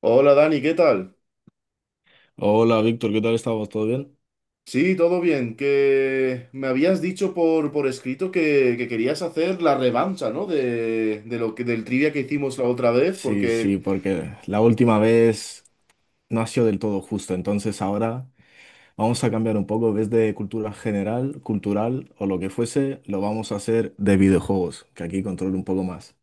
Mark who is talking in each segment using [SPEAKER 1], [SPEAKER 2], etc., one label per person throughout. [SPEAKER 1] Hola Dani, ¿qué tal?
[SPEAKER 2] Hola Víctor, ¿qué tal estamos? ¿Todo bien?
[SPEAKER 1] Sí, todo bien, que me habías dicho por escrito, que querías hacer la revancha, ¿no? De del trivia que hicimos la otra vez,
[SPEAKER 2] Sí,
[SPEAKER 1] porque,
[SPEAKER 2] sí, porque la última vez no ha sido del todo justo, entonces ahora vamos a cambiar un poco, ves de cultura general, cultural o lo que fuese, lo vamos a hacer de videojuegos, que aquí controlo un poco más.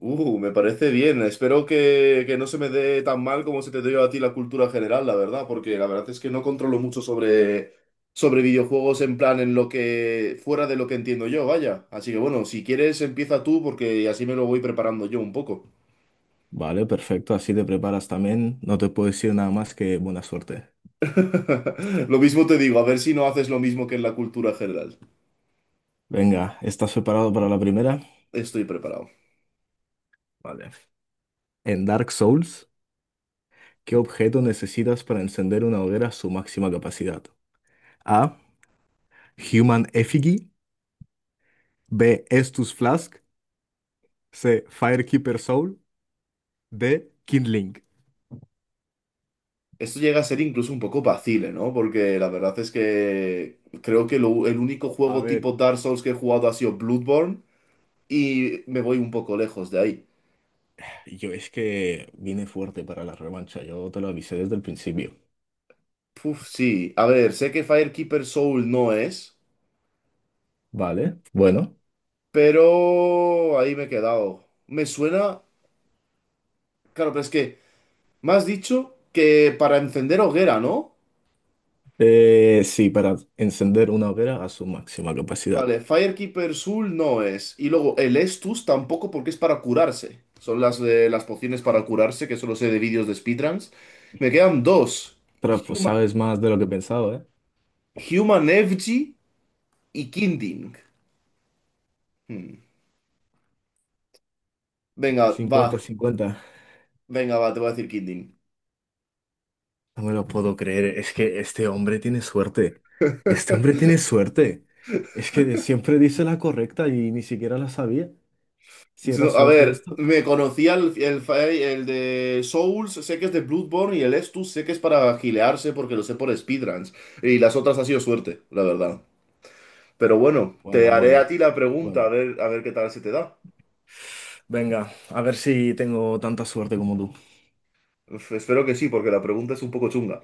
[SPEAKER 1] me parece bien, espero que no se me dé tan mal como se te dio a ti la cultura general, la verdad, porque la verdad es que no controlo mucho sobre videojuegos, en plan, en lo que, fuera de lo que entiendo yo, vaya. Así que bueno, si quieres empieza tú, porque así me lo voy preparando yo un poco.
[SPEAKER 2] Vale, perfecto, así te preparas también, no te puedo decir nada más que buena suerte.
[SPEAKER 1] Lo mismo te digo, a ver si no haces lo mismo que en la cultura general.
[SPEAKER 2] Venga, ¿estás preparado para la primera?
[SPEAKER 1] Estoy preparado.
[SPEAKER 2] Vale. En Dark Souls, ¿qué objeto necesitas para encender una hoguera a su máxima capacidad? A. Human Effigy. B. Estus Flask. C. Firekeeper Soul. D. Kindling.
[SPEAKER 1] Esto llega a ser incluso un poco vacile, ¿no? Porque la verdad es que creo que el único
[SPEAKER 2] A
[SPEAKER 1] juego tipo
[SPEAKER 2] ver,
[SPEAKER 1] Dark Souls que he jugado ha sido Bloodborne y me voy un poco lejos de ahí.
[SPEAKER 2] yo es que vine fuerte para la revancha, yo te lo avisé desde el principio,
[SPEAKER 1] Puf, sí. A ver, sé que Firekeeper Soul no es,
[SPEAKER 2] ¿vale? Bueno,
[SPEAKER 1] pero ahí me he quedado. Me suena... Claro, pero es que me has dicho que para encender hoguera, ¿no?
[SPEAKER 2] sí, para encender una hoguera a su máxima capacidad.
[SPEAKER 1] Vale, Firekeeper Soul no es. Y luego el Estus tampoco, porque es para curarse. Son las de las pociones para curarse, que solo sé de vídeos de speedruns. Me quedan dos.
[SPEAKER 2] Pero pues
[SPEAKER 1] Human,
[SPEAKER 2] sabes más de lo que pensaba, eh.
[SPEAKER 1] Human Effigy y Kinding. Hmm. Venga,
[SPEAKER 2] Cincuenta,
[SPEAKER 1] va.
[SPEAKER 2] cincuenta.
[SPEAKER 1] Venga, va, te voy a decir Kinding.
[SPEAKER 2] No me lo puedo creer, es que este hombre tiene suerte, este hombre tiene suerte, es que siempre dice la correcta y ni siquiera la sabía, si era
[SPEAKER 1] No, a
[SPEAKER 2] suerte
[SPEAKER 1] ver,
[SPEAKER 2] esto.
[SPEAKER 1] me conocía el de Souls, sé que es de Bloodborne y el Estus sé que es para gilearse porque lo sé por speedruns. Y las otras ha sido suerte, la verdad. Pero bueno, te
[SPEAKER 2] Bueno,
[SPEAKER 1] haré a
[SPEAKER 2] bueno,
[SPEAKER 1] ti la pregunta, a
[SPEAKER 2] bueno.
[SPEAKER 1] ver, a ver qué tal se te da.
[SPEAKER 2] Venga, a ver si tengo tanta suerte como tú.
[SPEAKER 1] Uf, espero que sí, porque la pregunta es un poco chunga.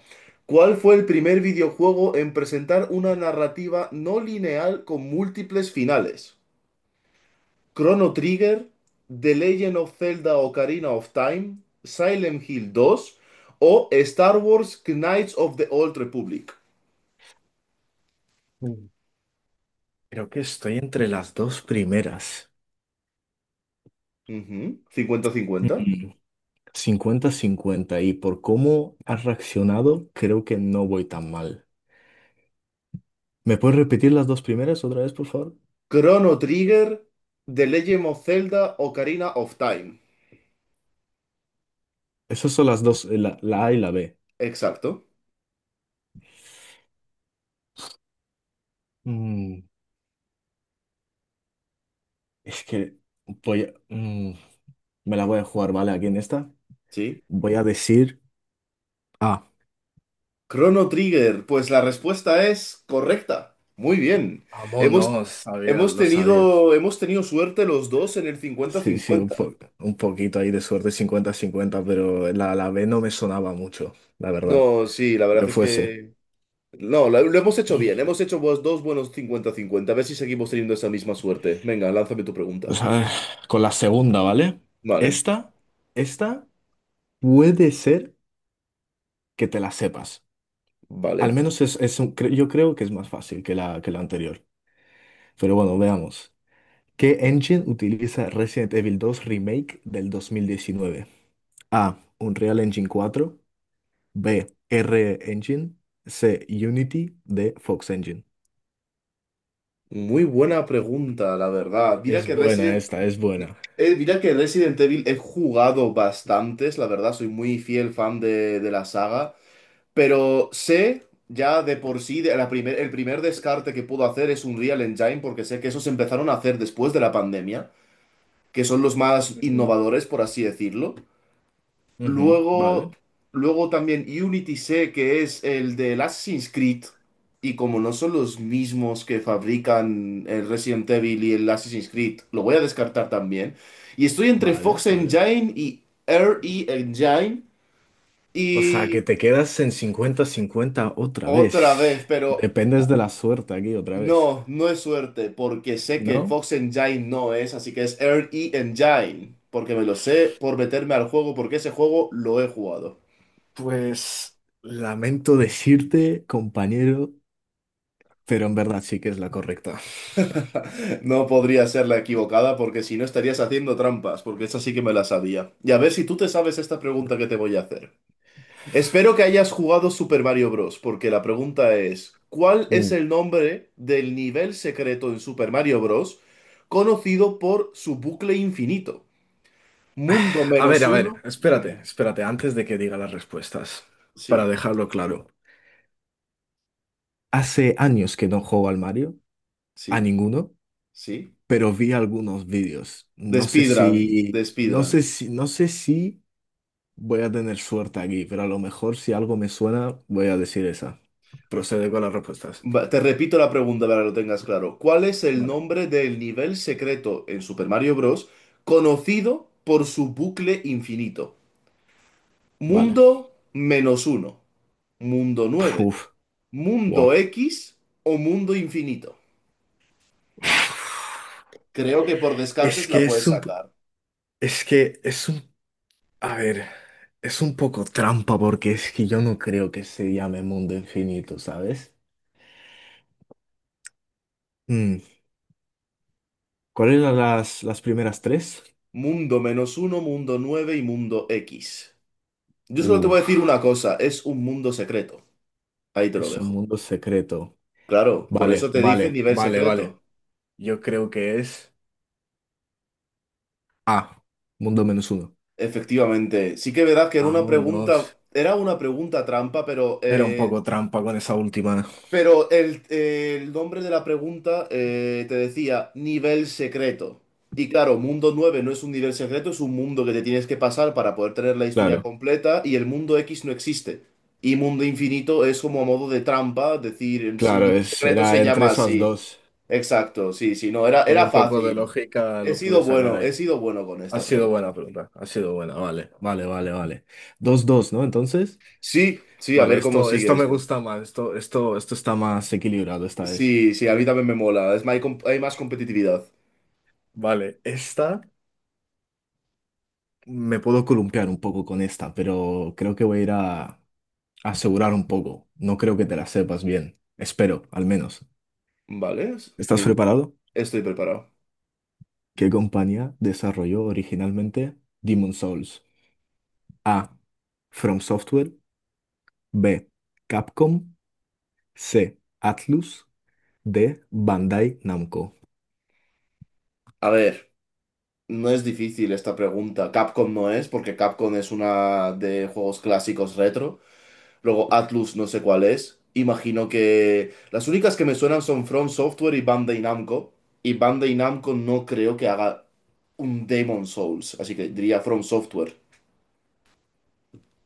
[SPEAKER 1] ¿Cuál fue el primer videojuego en presentar una narrativa no lineal con múltiples finales? ¿Chrono Trigger, The Legend of Zelda Ocarina of Time, Silent Hill 2 o Star Wars Knights of the Old Republic?
[SPEAKER 2] Mm. Creo que estoy entre las dos primeras.
[SPEAKER 1] Ujú, cincuenta 50.
[SPEAKER 2] Mm, cincuenta 50 y por cómo has reaccionado, creo que no voy tan mal. ¿Me puedes repetir las dos primeras otra vez, por favor?
[SPEAKER 1] Chrono Trigger, The Legend of Zelda Ocarina of Time.
[SPEAKER 2] Esas son las dos, la A y la B.
[SPEAKER 1] Exacto.
[SPEAKER 2] Mm, es que voy a- mm, me la voy a jugar, ¿vale? Aquí en esta.
[SPEAKER 1] Sí,
[SPEAKER 2] Voy a decir A.
[SPEAKER 1] Chrono Trigger, pues la respuesta es correcta. Muy bien. Hemos,
[SPEAKER 2] Vámonos, sabía,
[SPEAKER 1] hemos
[SPEAKER 2] lo sabía.
[SPEAKER 1] tenido, hemos tenido suerte los dos en el
[SPEAKER 2] Sí, sí,
[SPEAKER 1] cincuenta-cincuenta.
[SPEAKER 2] un poquito ahí de suerte 50-50, pero la B no me sonaba mucho, la verdad,
[SPEAKER 1] No, sí, la verdad
[SPEAKER 2] que
[SPEAKER 1] es
[SPEAKER 2] fuese.
[SPEAKER 1] que... No, lo hemos hecho bien. Hemos hecho, pues, dos buenos cincuenta-cincuenta. A ver si seguimos teniendo esa misma suerte. Venga, lánzame tu pregunta.
[SPEAKER 2] Pues a ver, con la segunda, ¿vale?
[SPEAKER 1] Vale,
[SPEAKER 2] Esta, esta puede ser que te la sepas. Al
[SPEAKER 1] vale.
[SPEAKER 2] menos es, yo creo que es más fácil que que la anterior. Pero bueno, veamos. ¿Qué engine utiliza Resident Evil 2 Remake del 2019? A. Unreal Engine 4. B. R Engine. C. Unity. D. Fox Engine.
[SPEAKER 1] Muy buena pregunta, la verdad.
[SPEAKER 2] Es buena esta, es buena.
[SPEAKER 1] Mira que Resident Evil he jugado bastantes, la verdad, soy muy fiel fan de la saga. Pero sé ya de por sí, de el primer descarte que puedo hacer es un Real Engine, porque sé que esos empezaron a hacer después de la pandemia, que son los más
[SPEAKER 2] Ujú.
[SPEAKER 1] innovadores, por así decirlo.
[SPEAKER 2] Ujú,
[SPEAKER 1] Luego,
[SPEAKER 2] vale,
[SPEAKER 1] luego también Unity sé que es el del Assassin's Creed, y como no son los mismos que fabrican el Resident Evil y el Assassin's Creed, lo voy a descartar también. Y estoy entre
[SPEAKER 2] vale,
[SPEAKER 1] Fox
[SPEAKER 2] vale.
[SPEAKER 1] Engine y RE Engine,
[SPEAKER 2] O sea, que
[SPEAKER 1] y
[SPEAKER 2] te quedas en cincuenta-cincuenta otra vez.
[SPEAKER 1] otra vez, pero...
[SPEAKER 2] Dependes de la suerte aquí otra vez,
[SPEAKER 1] No, no es suerte, porque sé que
[SPEAKER 2] ¿no?
[SPEAKER 1] Fox Engine no es, así que es RE Engine, porque me lo sé por meterme al juego, porque ese juego lo he jugado.
[SPEAKER 2] Pues lamento decirte, compañero, pero en verdad sí que es la correcta.
[SPEAKER 1] No podría ser la equivocada, porque si no estarías haciendo trampas, porque esa sí que me la sabía. Y a ver si tú te sabes esta pregunta que te voy a hacer. Espero que hayas jugado Super Mario Bros., porque la pregunta es, ¿cuál es
[SPEAKER 2] Mm.
[SPEAKER 1] el nombre del nivel secreto en Super Mario Bros. Conocido por su bucle infinito? Mundo menos
[SPEAKER 2] A ver,
[SPEAKER 1] uno.
[SPEAKER 2] espérate,
[SPEAKER 1] Dime.
[SPEAKER 2] espérate, antes de que diga las respuestas, para
[SPEAKER 1] Sí.
[SPEAKER 2] dejarlo claro. Hace años que no juego al Mario, a
[SPEAKER 1] Sí,
[SPEAKER 2] ninguno.
[SPEAKER 1] sí.
[SPEAKER 2] Pero vi algunos vídeos.
[SPEAKER 1] De
[SPEAKER 2] No sé
[SPEAKER 1] speedrun, de
[SPEAKER 2] si, no
[SPEAKER 1] speedrun.
[SPEAKER 2] sé si, no sé si voy a tener suerte aquí, pero a lo mejor si algo me suena, voy a decir esa. Procede con las respuestas.
[SPEAKER 1] Va, te repito la pregunta para que lo tengas claro. ¿Cuál es el
[SPEAKER 2] Vale.
[SPEAKER 1] nombre del nivel secreto en Super Mario Bros. Conocido por su bucle infinito?
[SPEAKER 2] Vale.
[SPEAKER 1] Mundo menos uno, mundo nueve,
[SPEAKER 2] Uf,
[SPEAKER 1] mundo
[SPEAKER 2] wow.
[SPEAKER 1] X o mundo infinito. Creo que por
[SPEAKER 2] Es
[SPEAKER 1] descartes la
[SPEAKER 2] que es
[SPEAKER 1] puedes
[SPEAKER 2] un,
[SPEAKER 1] sacar.
[SPEAKER 2] es que es un, A ver, es un poco trampa porque es que yo no creo que se llame mundo infinito, ¿sabes? Mm, ¿Cuáles eran las primeras tres?
[SPEAKER 1] Mundo menos uno, mundo nueve y mundo X. Yo solo te voy a decir
[SPEAKER 2] Uf,
[SPEAKER 1] una cosa, es un mundo secreto. Ahí te lo
[SPEAKER 2] es un
[SPEAKER 1] dejo.
[SPEAKER 2] mundo secreto.
[SPEAKER 1] Claro, por
[SPEAKER 2] Vale,
[SPEAKER 1] eso te dice
[SPEAKER 2] vale,
[SPEAKER 1] nivel
[SPEAKER 2] vale, vale.
[SPEAKER 1] secreto.
[SPEAKER 2] Yo creo que es A, mundo menos uno.
[SPEAKER 1] Efectivamente, sí que es verdad que
[SPEAKER 2] Vámonos.
[SPEAKER 1] era una pregunta trampa, pero,
[SPEAKER 2] Era un
[SPEAKER 1] eh,
[SPEAKER 2] poco trampa con esa última.
[SPEAKER 1] pero el nombre de la pregunta, te decía nivel secreto. Y claro, mundo 9 no es un nivel secreto, es un mundo que te tienes que pasar para poder tener la historia
[SPEAKER 2] Claro,
[SPEAKER 1] completa, y el mundo X no existe. Y mundo infinito es como a modo de trampa, decir, el
[SPEAKER 2] claro,
[SPEAKER 1] nivel
[SPEAKER 2] es,
[SPEAKER 1] secreto
[SPEAKER 2] era
[SPEAKER 1] se
[SPEAKER 2] entre
[SPEAKER 1] llama
[SPEAKER 2] esas
[SPEAKER 1] así.
[SPEAKER 2] dos.
[SPEAKER 1] Exacto, sí, sí, no, era,
[SPEAKER 2] Con
[SPEAKER 1] era
[SPEAKER 2] un poco de
[SPEAKER 1] fácil.
[SPEAKER 2] lógica lo pude sacar ahí.
[SPEAKER 1] He sido bueno con
[SPEAKER 2] Ha
[SPEAKER 1] esta
[SPEAKER 2] sido
[SPEAKER 1] pregunta.
[SPEAKER 2] buena pregunta, ha sido buena, vale, vale, vale, vale. Dos, dos, ¿no? Entonces,
[SPEAKER 1] Sí, sí, a
[SPEAKER 2] vale,
[SPEAKER 1] ver cómo
[SPEAKER 2] esto,
[SPEAKER 1] sigue
[SPEAKER 2] esto me
[SPEAKER 1] esto.
[SPEAKER 2] gusta más, esto está más equilibrado esta vez.
[SPEAKER 1] Sí, sí, a mí también me mola. Es, más, hay, hay más competitividad.
[SPEAKER 2] Vale, esta me puedo columpiar un poco con esta, pero creo que voy a ir a asegurar un poco. No creo que te la sepas bien. Espero, al menos.
[SPEAKER 1] Vale,
[SPEAKER 2] ¿Estás
[SPEAKER 1] dime.
[SPEAKER 2] preparado?
[SPEAKER 1] Estoy preparado.
[SPEAKER 2] ¿Qué compañía desarrolló originalmente Demon Souls? A. From Software. B. Capcom. C. Atlus. D. Bandai Namco.
[SPEAKER 1] A ver, no es difícil esta pregunta. Capcom no es, porque Capcom es una de juegos clásicos retro. Luego Atlus no sé cuál es. Imagino que las únicas que me suenan son From Software y Bandai Namco. Y Bandai Namco no creo que haga un Demon Souls, así que diría From Software.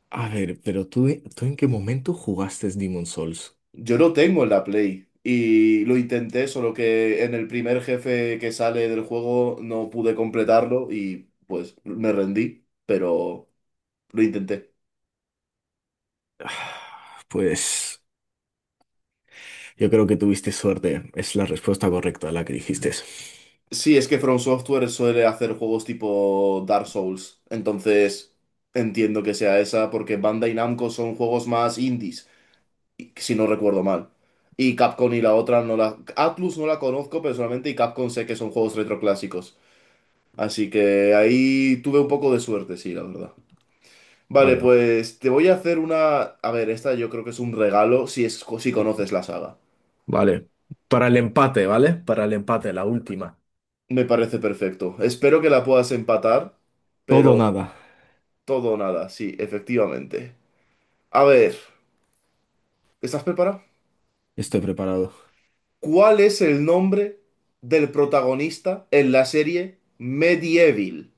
[SPEAKER 2] A ver, pero tú, ¿tú en qué momento jugaste Demon Souls?
[SPEAKER 1] Yo lo tengo en la Play y lo intenté, solo que en el primer jefe que sale del juego no pude completarlo y pues me rendí, pero lo intenté.
[SPEAKER 2] Ah, pues yo creo que tuviste suerte. Es la respuesta correcta a la que dijiste.
[SPEAKER 1] Sí, es que From Software suele hacer juegos tipo Dark Souls, entonces entiendo que sea esa porque Bandai Namco son juegos más indies, si no recuerdo mal. Y Capcom y la otra no la... Atlus no la conozco personalmente y Capcom sé que son juegos retroclásicos. Así que ahí tuve un poco de suerte, sí, la verdad. Vale,
[SPEAKER 2] Bueno,
[SPEAKER 1] pues te voy a hacer una... A ver, esta yo creo que es un regalo, si es... si conoces la saga.
[SPEAKER 2] vale. Para el empate, ¿vale? Para el empate, la última.
[SPEAKER 1] Me parece perfecto. Espero que la puedas empatar,
[SPEAKER 2] Todo o
[SPEAKER 1] pero
[SPEAKER 2] nada.
[SPEAKER 1] todo o nada, sí, efectivamente. A ver, ¿estás preparado?
[SPEAKER 2] Estoy preparado.
[SPEAKER 1] ¿Cuál es el nombre del protagonista en la serie Medieval?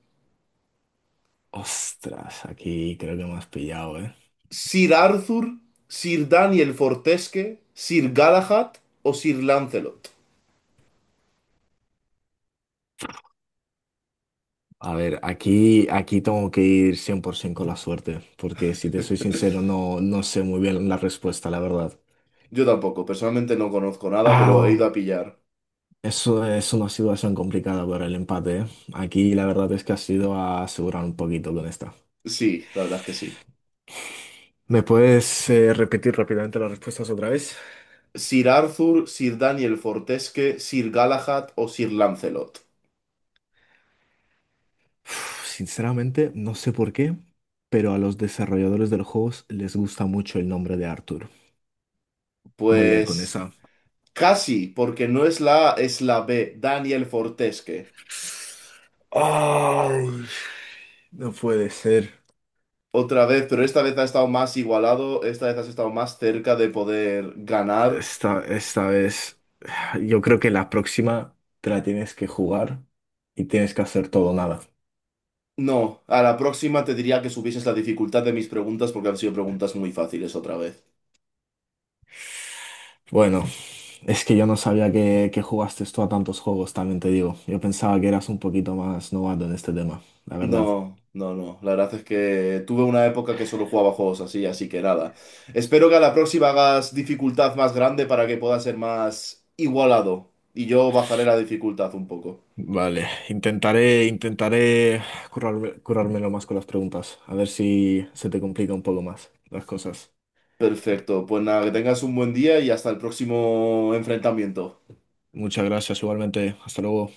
[SPEAKER 2] Ostras, aquí creo que me has pillado, ¿eh?
[SPEAKER 1] ¿Sir Arthur, Sir Daniel Fortesque, Sir Galahad o Sir Lancelot?
[SPEAKER 2] A ver, aquí, aquí tengo que ir 100% con la suerte, porque si te soy sincero, no, no sé muy bien la respuesta, la verdad.
[SPEAKER 1] Yo tampoco, personalmente no conozco nada, pero he ido
[SPEAKER 2] Ah,
[SPEAKER 1] a pillar.
[SPEAKER 2] eso es una situación complicada para el empate, ¿eh? Aquí la verdad es que has ido a asegurar un poquito con esta.
[SPEAKER 1] Sí, la verdad es que sí.
[SPEAKER 2] ¿Me puedes repetir rápidamente las respuestas otra vez?
[SPEAKER 1] Sir Arthur, Sir Daniel Fortesque, Sir Galahad o Sir Lancelot.
[SPEAKER 2] Uf, sinceramente, no sé por qué, pero a los desarrolladores de los juegos les gusta mucho el nombre de Arthur. Voy a ir con
[SPEAKER 1] Pues
[SPEAKER 2] esa.
[SPEAKER 1] casi, porque no es la A, es la B, Daniel Fortesque.
[SPEAKER 2] Ay, no puede ser.
[SPEAKER 1] Otra vez, pero esta vez ha estado más igualado, esta vez has estado más cerca de poder ganar.
[SPEAKER 2] Esta vez, yo creo que la próxima te la tienes que jugar y tienes que hacer todo o nada.
[SPEAKER 1] No, a la próxima te diría que subieses la dificultad de mis preguntas, porque han sido preguntas muy fáciles otra vez.
[SPEAKER 2] Bueno, es que yo no sabía que jugaste tú a tantos juegos, también te digo. Yo pensaba que eras un poquito más novato en este tema, la verdad.
[SPEAKER 1] No, no, no. La verdad es que tuve una época que solo jugaba juegos así, así que nada. Espero que a la próxima hagas dificultad más grande para que pueda ser más igualado. Y yo bajaré la dificultad un poco.
[SPEAKER 2] Vale, intentaré, currármelo más con las preguntas, a ver si se te complica un poco más las cosas.
[SPEAKER 1] Perfecto. Pues nada, que tengas un buen día y hasta el próximo enfrentamiento.
[SPEAKER 2] Muchas gracias, igualmente. Hasta luego.